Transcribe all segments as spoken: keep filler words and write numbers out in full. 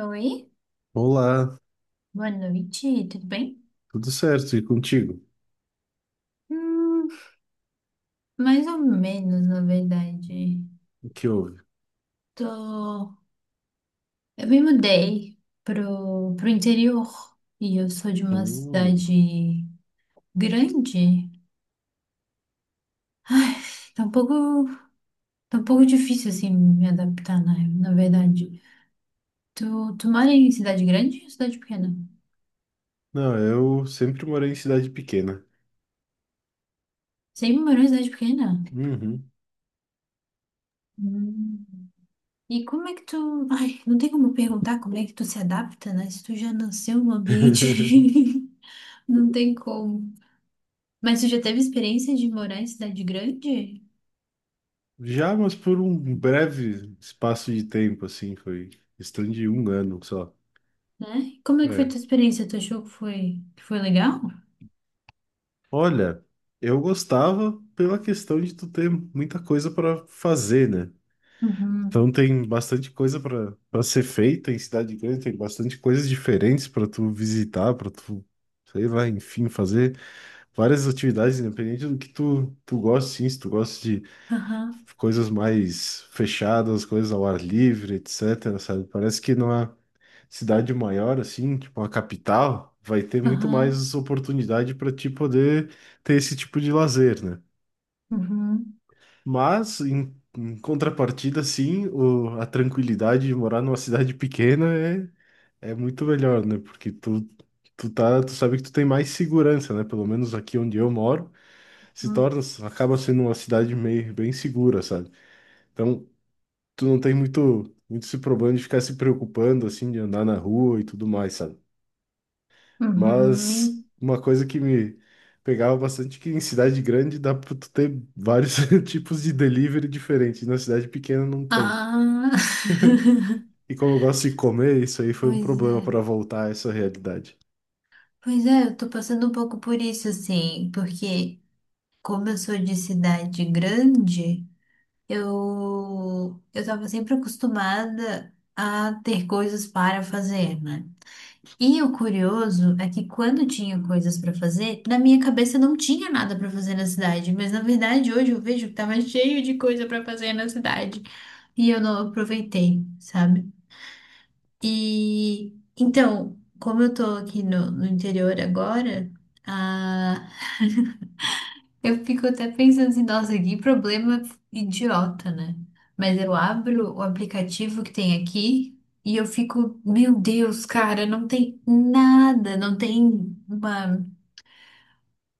Oi, Olá, boa noite, tudo bem? tudo certo? E contigo? Hum, mais ou menos, na verdade. O que houve? Tô... Eu me mudei pro, pro interior e eu sou de uma Hum, cidade grande. Tá um pouco, tá um pouco difícil, assim, me adaptar, na, na verdade. Tu, tu mora em cidade grande ou cidade pequena? Não, eu sempre morei em cidade pequena. Sempre morou em cidade pequena? Uhum. Hum. E como é que tu. Ai, não tem como perguntar como é que tu se adapta, né? Se tu já nasceu no ambiente. Não tem como. Mas tu já teve experiência de morar em cidade grande, Já, mas por um breve espaço de tempo, assim, foi questão de um ano só. né? Como é que foi É. tua experiência? Tu achou que foi, que foi legal? Olha, eu gostava pela questão de tu ter muita coisa para fazer, né? Uhum. Então tem bastante coisa para para ser feita em cidade grande, tem bastante coisas diferentes para tu visitar, para tu, sei lá, enfim, fazer. Várias atividades, independente do que tu, tu gosta, sim, se tu gosta de Aham. coisas mais fechadas, coisas ao ar livre, etc, sabe? Parece que numa cidade maior, assim, tipo uma capital, vai ter muito Aham. mais oportunidade para ti poder ter esse tipo de lazer, né? Uhum. Mas, em, em contrapartida, sim, o, a tranquilidade de morar numa cidade pequena é, é muito melhor, né? Porque tu, tu tá, tu sabe que tu tem mais segurança, né? Pelo menos aqui onde eu moro, se Uhum. torna, acaba sendo uma cidade meio bem segura, sabe? Então, tu não tem muito, muito esse problema de ficar se preocupando, assim, de andar na rua e tudo mais, sabe? Uhum. Mas uma coisa que me pegava bastante é que em cidade grande dá pra tu ter vários tipos de delivery diferentes, e na cidade pequena não tem. Ah. E como eu gosto de comer, isso aí foi um Pois é. problema para voltar a essa realidade. Pois é, eu tô passando um pouco por isso, assim, porque como eu sou de cidade grande. Eu eu estava sempre acostumada a ter coisas para fazer, né? E o curioso é que quando tinha coisas para fazer, na minha cabeça não tinha nada para fazer na cidade, mas na verdade hoje eu vejo que estava cheio de coisa para fazer na cidade e eu não aproveitei, sabe? E então, como eu tô aqui no, no interior agora, a, eu fico até pensando assim, nossa, que problema idiota, né? Mas eu abro o aplicativo que tem aqui e eu fico, meu Deus, cara, não tem nada, não tem uma,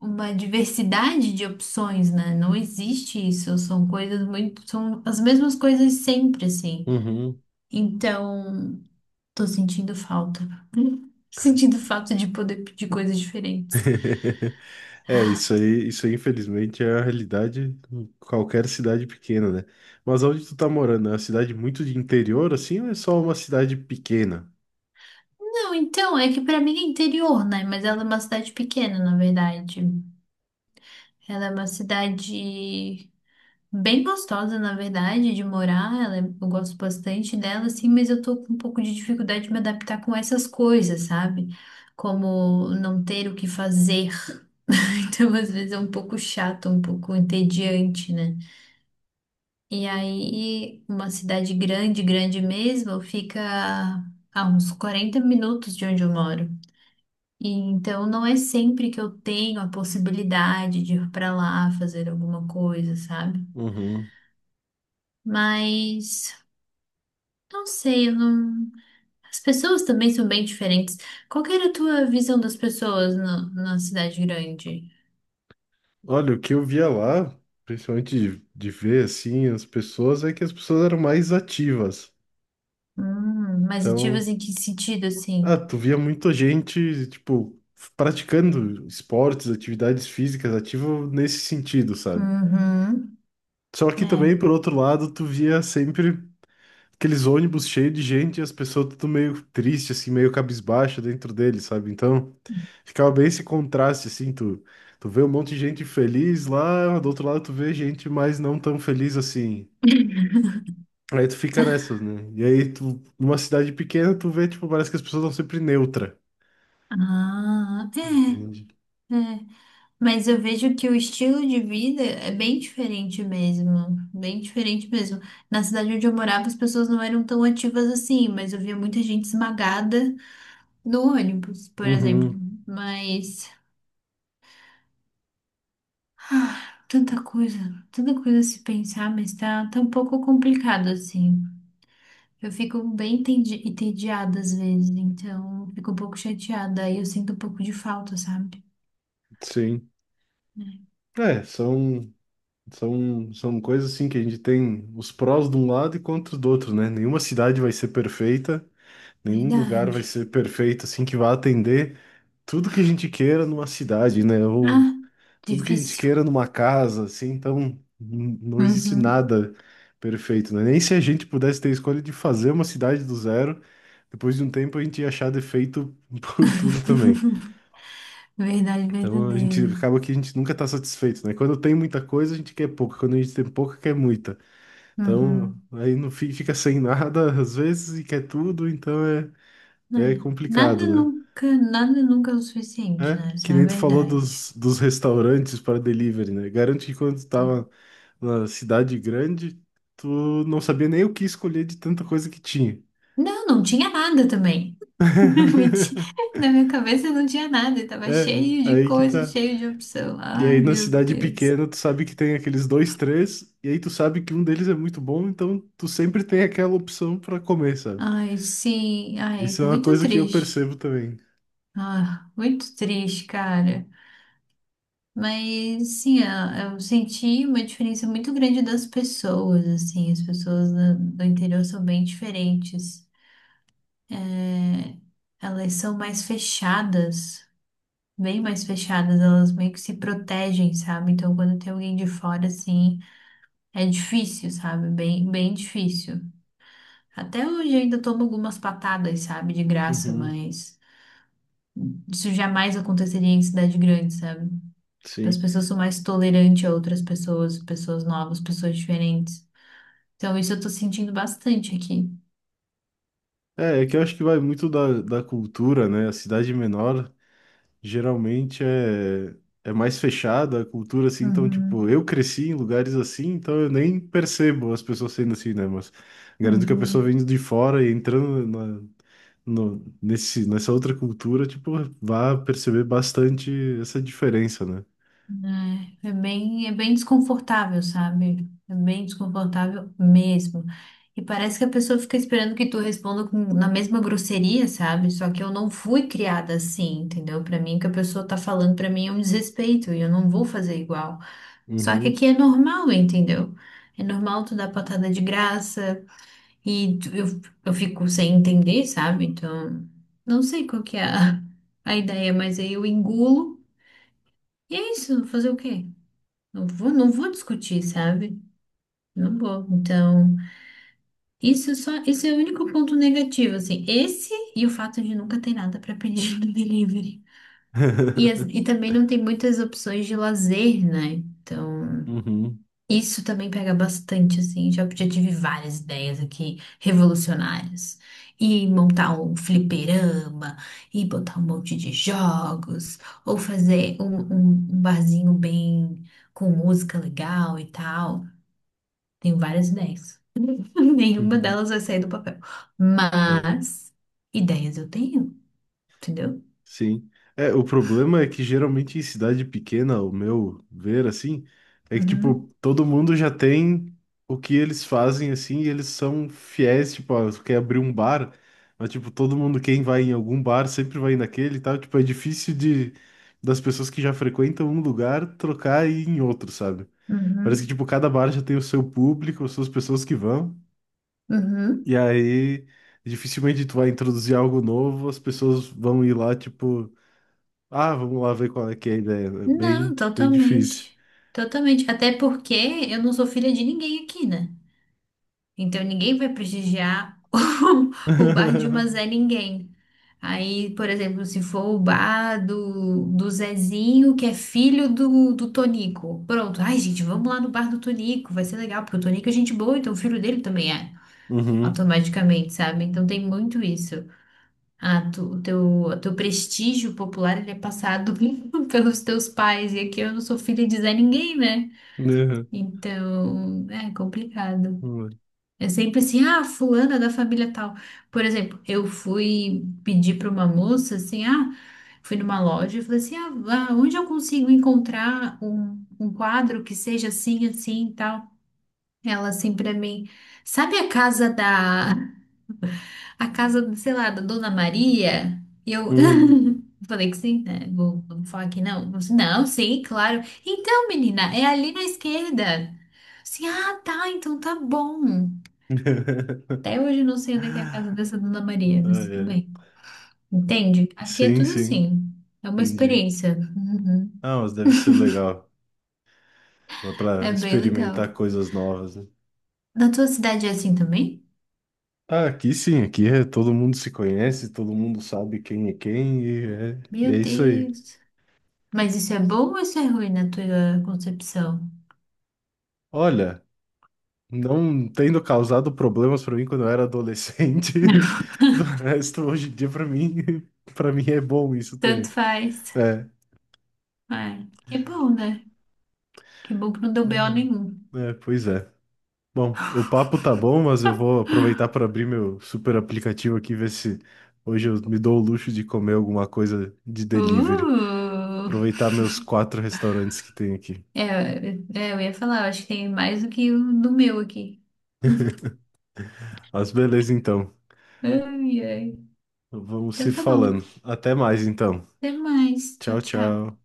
uma diversidade de opções, né? Não existe isso, são coisas muito, são as mesmas coisas sempre, assim. Uhum. Então, tô sentindo falta, sentindo falta de poder pedir coisas diferentes. É, isso aí, isso aí, infelizmente, é a realidade em qualquer cidade pequena, né? Mas onde tu tá morando? É uma cidade muito de interior, assim, ou é só uma cidade pequena? Não, então, é que pra mim é interior, né? Mas ela é uma cidade pequena, na verdade. Ela é uma cidade bem gostosa, na verdade, de morar. Ela é- eu gosto bastante dela, assim, mas eu tô com um pouco de dificuldade de me adaptar com essas coisas, sabe? Como não ter o que fazer. Então, às vezes é um pouco chato, um pouco entediante, né? E aí, uma cidade grande, grande mesmo, fica a uns quarenta minutos de onde eu moro. E então não é sempre que eu tenho a possibilidade de ir pra lá fazer alguma coisa, sabe? Uhum. Mas não sei, eu não... as pessoas também são bem diferentes. Qual que era a tua visão das pessoas na, na cidade grande? Olha, o que eu via lá, principalmente de, de ver, assim, as pessoas, é que as pessoas eram mais ativas. Hum, mais Então, ativas em que sentido, assim? ah, tu via muita gente, tipo, praticando esportes, atividades físicas, ativo nesse sentido, sabe? Uhum. Só que É. também, por outro lado, tu via sempre aqueles ônibus cheios de gente e as pessoas tudo meio triste, assim, meio cabisbaixa dentro dele, sabe? Então, ficava bem esse contraste, assim, tu, tu vê um monte de gente feliz lá, do outro lado tu vê gente mais não tão feliz assim. Aí tu fica nessas, né? E aí tu, numa cidade pequena, tu vê, tipo, parece que as pessoas estão sempre neutra. Ah, Entende? é, é. Mas eu vejo que o estilo de vida é bem diferente mesmo, bem diferente mesmo. Na cidade onde eu morava, as pessoas não eram tão ativas assim, mas eu via muita gente esmagada no ônibus, por exemplo. Uhum, Mas ah, tanta coisa, tanta coisa a se pensar, mas tá, tá um pouco complicado assim. Eu fico bem entendi- entediada às vezes, então fico um pouco chateada, aí eu sinto um pouco de falta, sabe? sim. É, É, são, são, são coisas assim que a gente tem os prós de um lado e contras do outro, né? Nenhuma cidade vai ser perfeita. Nenhum lugar vai verdade. ser perfeito, assim, que vá atender tudo que a gente queira numa cidade, né? Ou Ah, tudo que a gente difícil. queira numa casa, assim. Então, n- não existe Uhum. nada perfeito, né? Nem se a gente pudesse ter a escolha de fazer uma cidade do zero, depois de um tempo a gente ia achar defeito por tudo também. Verdade Então, a gente verdadeira. acaba que a gente nunca tá satisfeito, né? Quando tem muita coisa, a gente quer pouca. Quando a gente tem pouca, quer muita. Então, Uhum. aí no fim fica sem nada às vezes e quer tudo, então é, é É. Nada complicado, né? nunca, nada nunca é o É, suficiente, né? Essa que é a nem tu falou verdade. dos, dos restaurantes para delivery, né? Garanto que quando tu tava na cidade grande, tu não sabia nem o que escolher de tanta coisa que tinha. Não, não tinha nada também. Mentira. Na minha cabeça não tinha nada, estava É, cheio de aí que coisa, tá. cheio de opção. E aí Ai, na meu cidade Deus. pequena, tu sabe que tem aqueles dois, três, e aí tu sabe que um deles é muito bom, então tu sempre tem aquela opção para comer, sabe? Ai, sim, ai, Isso é uma muito coisa que eu triste. percebo também. Ah, muito triste, cara. Mas sim, eu eu senti uma diferença muito grande das pessoas, assim, as pessoas do do interior são bem diferentes. É, elas são mais fechadas, bem mais fechadas, elas meio que se protegem, sabe? Então, quando tem alguém de fora, assim, é difícil, sabe? Bem, bem difícil. Até hoje ainda tomo algumas patadas, sabe? De graça, Uhum, mas isso jamais aconteceria em cidade grande, sabe? As sim. pessoas são mais tolerantes a outras pessoas, pessoas novas, pessoas diferentes. Então, isso eu tô sentindo bastante aqui. É, é que eu acho que vai muito da, da cultura, né? A cidade menor geralmente é, é mais fechada a cultura, assim, então, tipo, Uhum, eu cresci em lugares assim, então eu nem percebo as pessoas sendo assim, né? Mas garanto que a pessoa uhum. vindo de fora e entrando na, no, nesse, nessa outra cultura, tipo, vai perceber bastante essa diferença, né? É, é bem, é bem desconfortável, sabe? É bem desconfortável mesmo. E parece que a pessoa fica esperando que tu responda com, na mesma grosseria, sabe? Só que eu não fui criada assim, entendeu? Pra mim, o que a pessoa tá falando pra mim é um desrespeito e eu não vou fazer igual. Só que Uhum, aqui é normal, entendeu? É normal tu dar patada de graça e tu- eu, eu fico sem entender, sabe? Então, não sei qual que é a, a ideia, mas aí eu engulo e é isso, fazer o quê? Não vou, não vou discutir, sabe? Não vou. Então, isso só, isso é o único ponto negativo, assim. Esse e o fato de nunca ter nada para pedir no delivery. E, as- e também não tem muitas opções de lazer, né? Então, uhum, isso também pega bastante, assim. Já, já tive várias ideias aqui revolucionárias. E montar um fliperama, e botar um monte de jogos, ou fazer um, um um barzinho bem com música legal e tal. Tenho várias ideias. Nenhuma delas vai sair do papel. Mas ideias eu tenho, entendeu? sim. É, o problema é que geralmente em cidade pequena, o meu ver assim, é que tipo, Uhum, todo mundo já tem o que eles fazem assim, e eles são fiéis, tipo, ó, tu quer abrir um bar, mas tipo, todo mundo quem vai em algum bar sempre vai naquele e tal, tipo, é difícil de das pessoas que já frequentam um lugar trocar e ir em outro, sabe? Parece que uhum, tipo, cada bar já tem o seu público, as suas pessoas que vão. uhum. E aí dificilmente tu vai introduzir algo novo, as pessoas vão ir lá, tipo, ah, vamos lá ver qual é que é a ideia. É Não, bem, bem difícil. totalmente. Totalmente. Até porque eu não sou filha de ninguém aqui, né? Então ninguém vai prestigiar o, o bar de uma Zé Ninguém. Aí, por exemplo, se for o bar do, do Zezinho, que é filho do, do Tonico. Pronto. Ai, gente, vamos lá no bar do Tonico. Vai ser legal, porque o Tonico é gente boa, então o filho dele também é. Uhum. Automaticamente, sabe? Então tem muito isso. Ah, tu, o teu, o teu prestígio popular ele é passado pelos teus pais, e aqui eu não sou filha de Zé ninguém, né? Uhum. Então é complicado. Uhum. É sempre assim, ah, fulana da família tal. Por exemplo, eu fui pedir para uma moça assim, ah, fui numa loja e falei assim, ah, ah, onde eu consigo encontrar um, um quadro que seja assim, assim e tal? Ela assim para mim, sabe a casa da, a casa, sei lá, da Dona Maria, e eu falei que sim, né? Vou, vou falar que não. Ela disse, não, sim, claro. Então, menina, é ali na esquerda. Sim, ah, tá, então tá bom. Até hoje eu não sei onde é que é a casa dessa Dona Maria, Ah, mas tudo é. bem. Entende? Aqui é Sim, tudo sim, assim. É uma entendi. experiência. Uhum. Ah, mas deve ser legal. Dá É pra bem legal. experimentar coisas novas, né? Na tua cidade é assim também? Ah, aqui sim, aqui é todo mundo se conhece, todo mundo sabe quem é quem e é, e é Meu isso aí. Deus. Mas isso é bom ou isso é ruim na tua concepção? Olha, não tendo causado problemas pra mim quando eu era adolescente, do resto hoje em dia pra mim, para mim é bom isso Tanto também. faz. É. Ai, que bom, né? Que bom que não deu B O nenhum. É, é, pois é. Bom, o papo tá bom, mas eu vou aproveitar para abrir meu super aplicativo aqui, ver se hoje eu me dou o luxo de comer alguma coisa de delivery. Uh! Aproveitar meus quatro restaurantes que tem aqui. É, é, eu ia falar, eu acho que tem mais do que o do meu aqui. Mas beleza, então. Ai, ai. Vamos se Então tá bom. falando. Até mais, então. Até mais. Tchau, Tchau, tchau. tchau.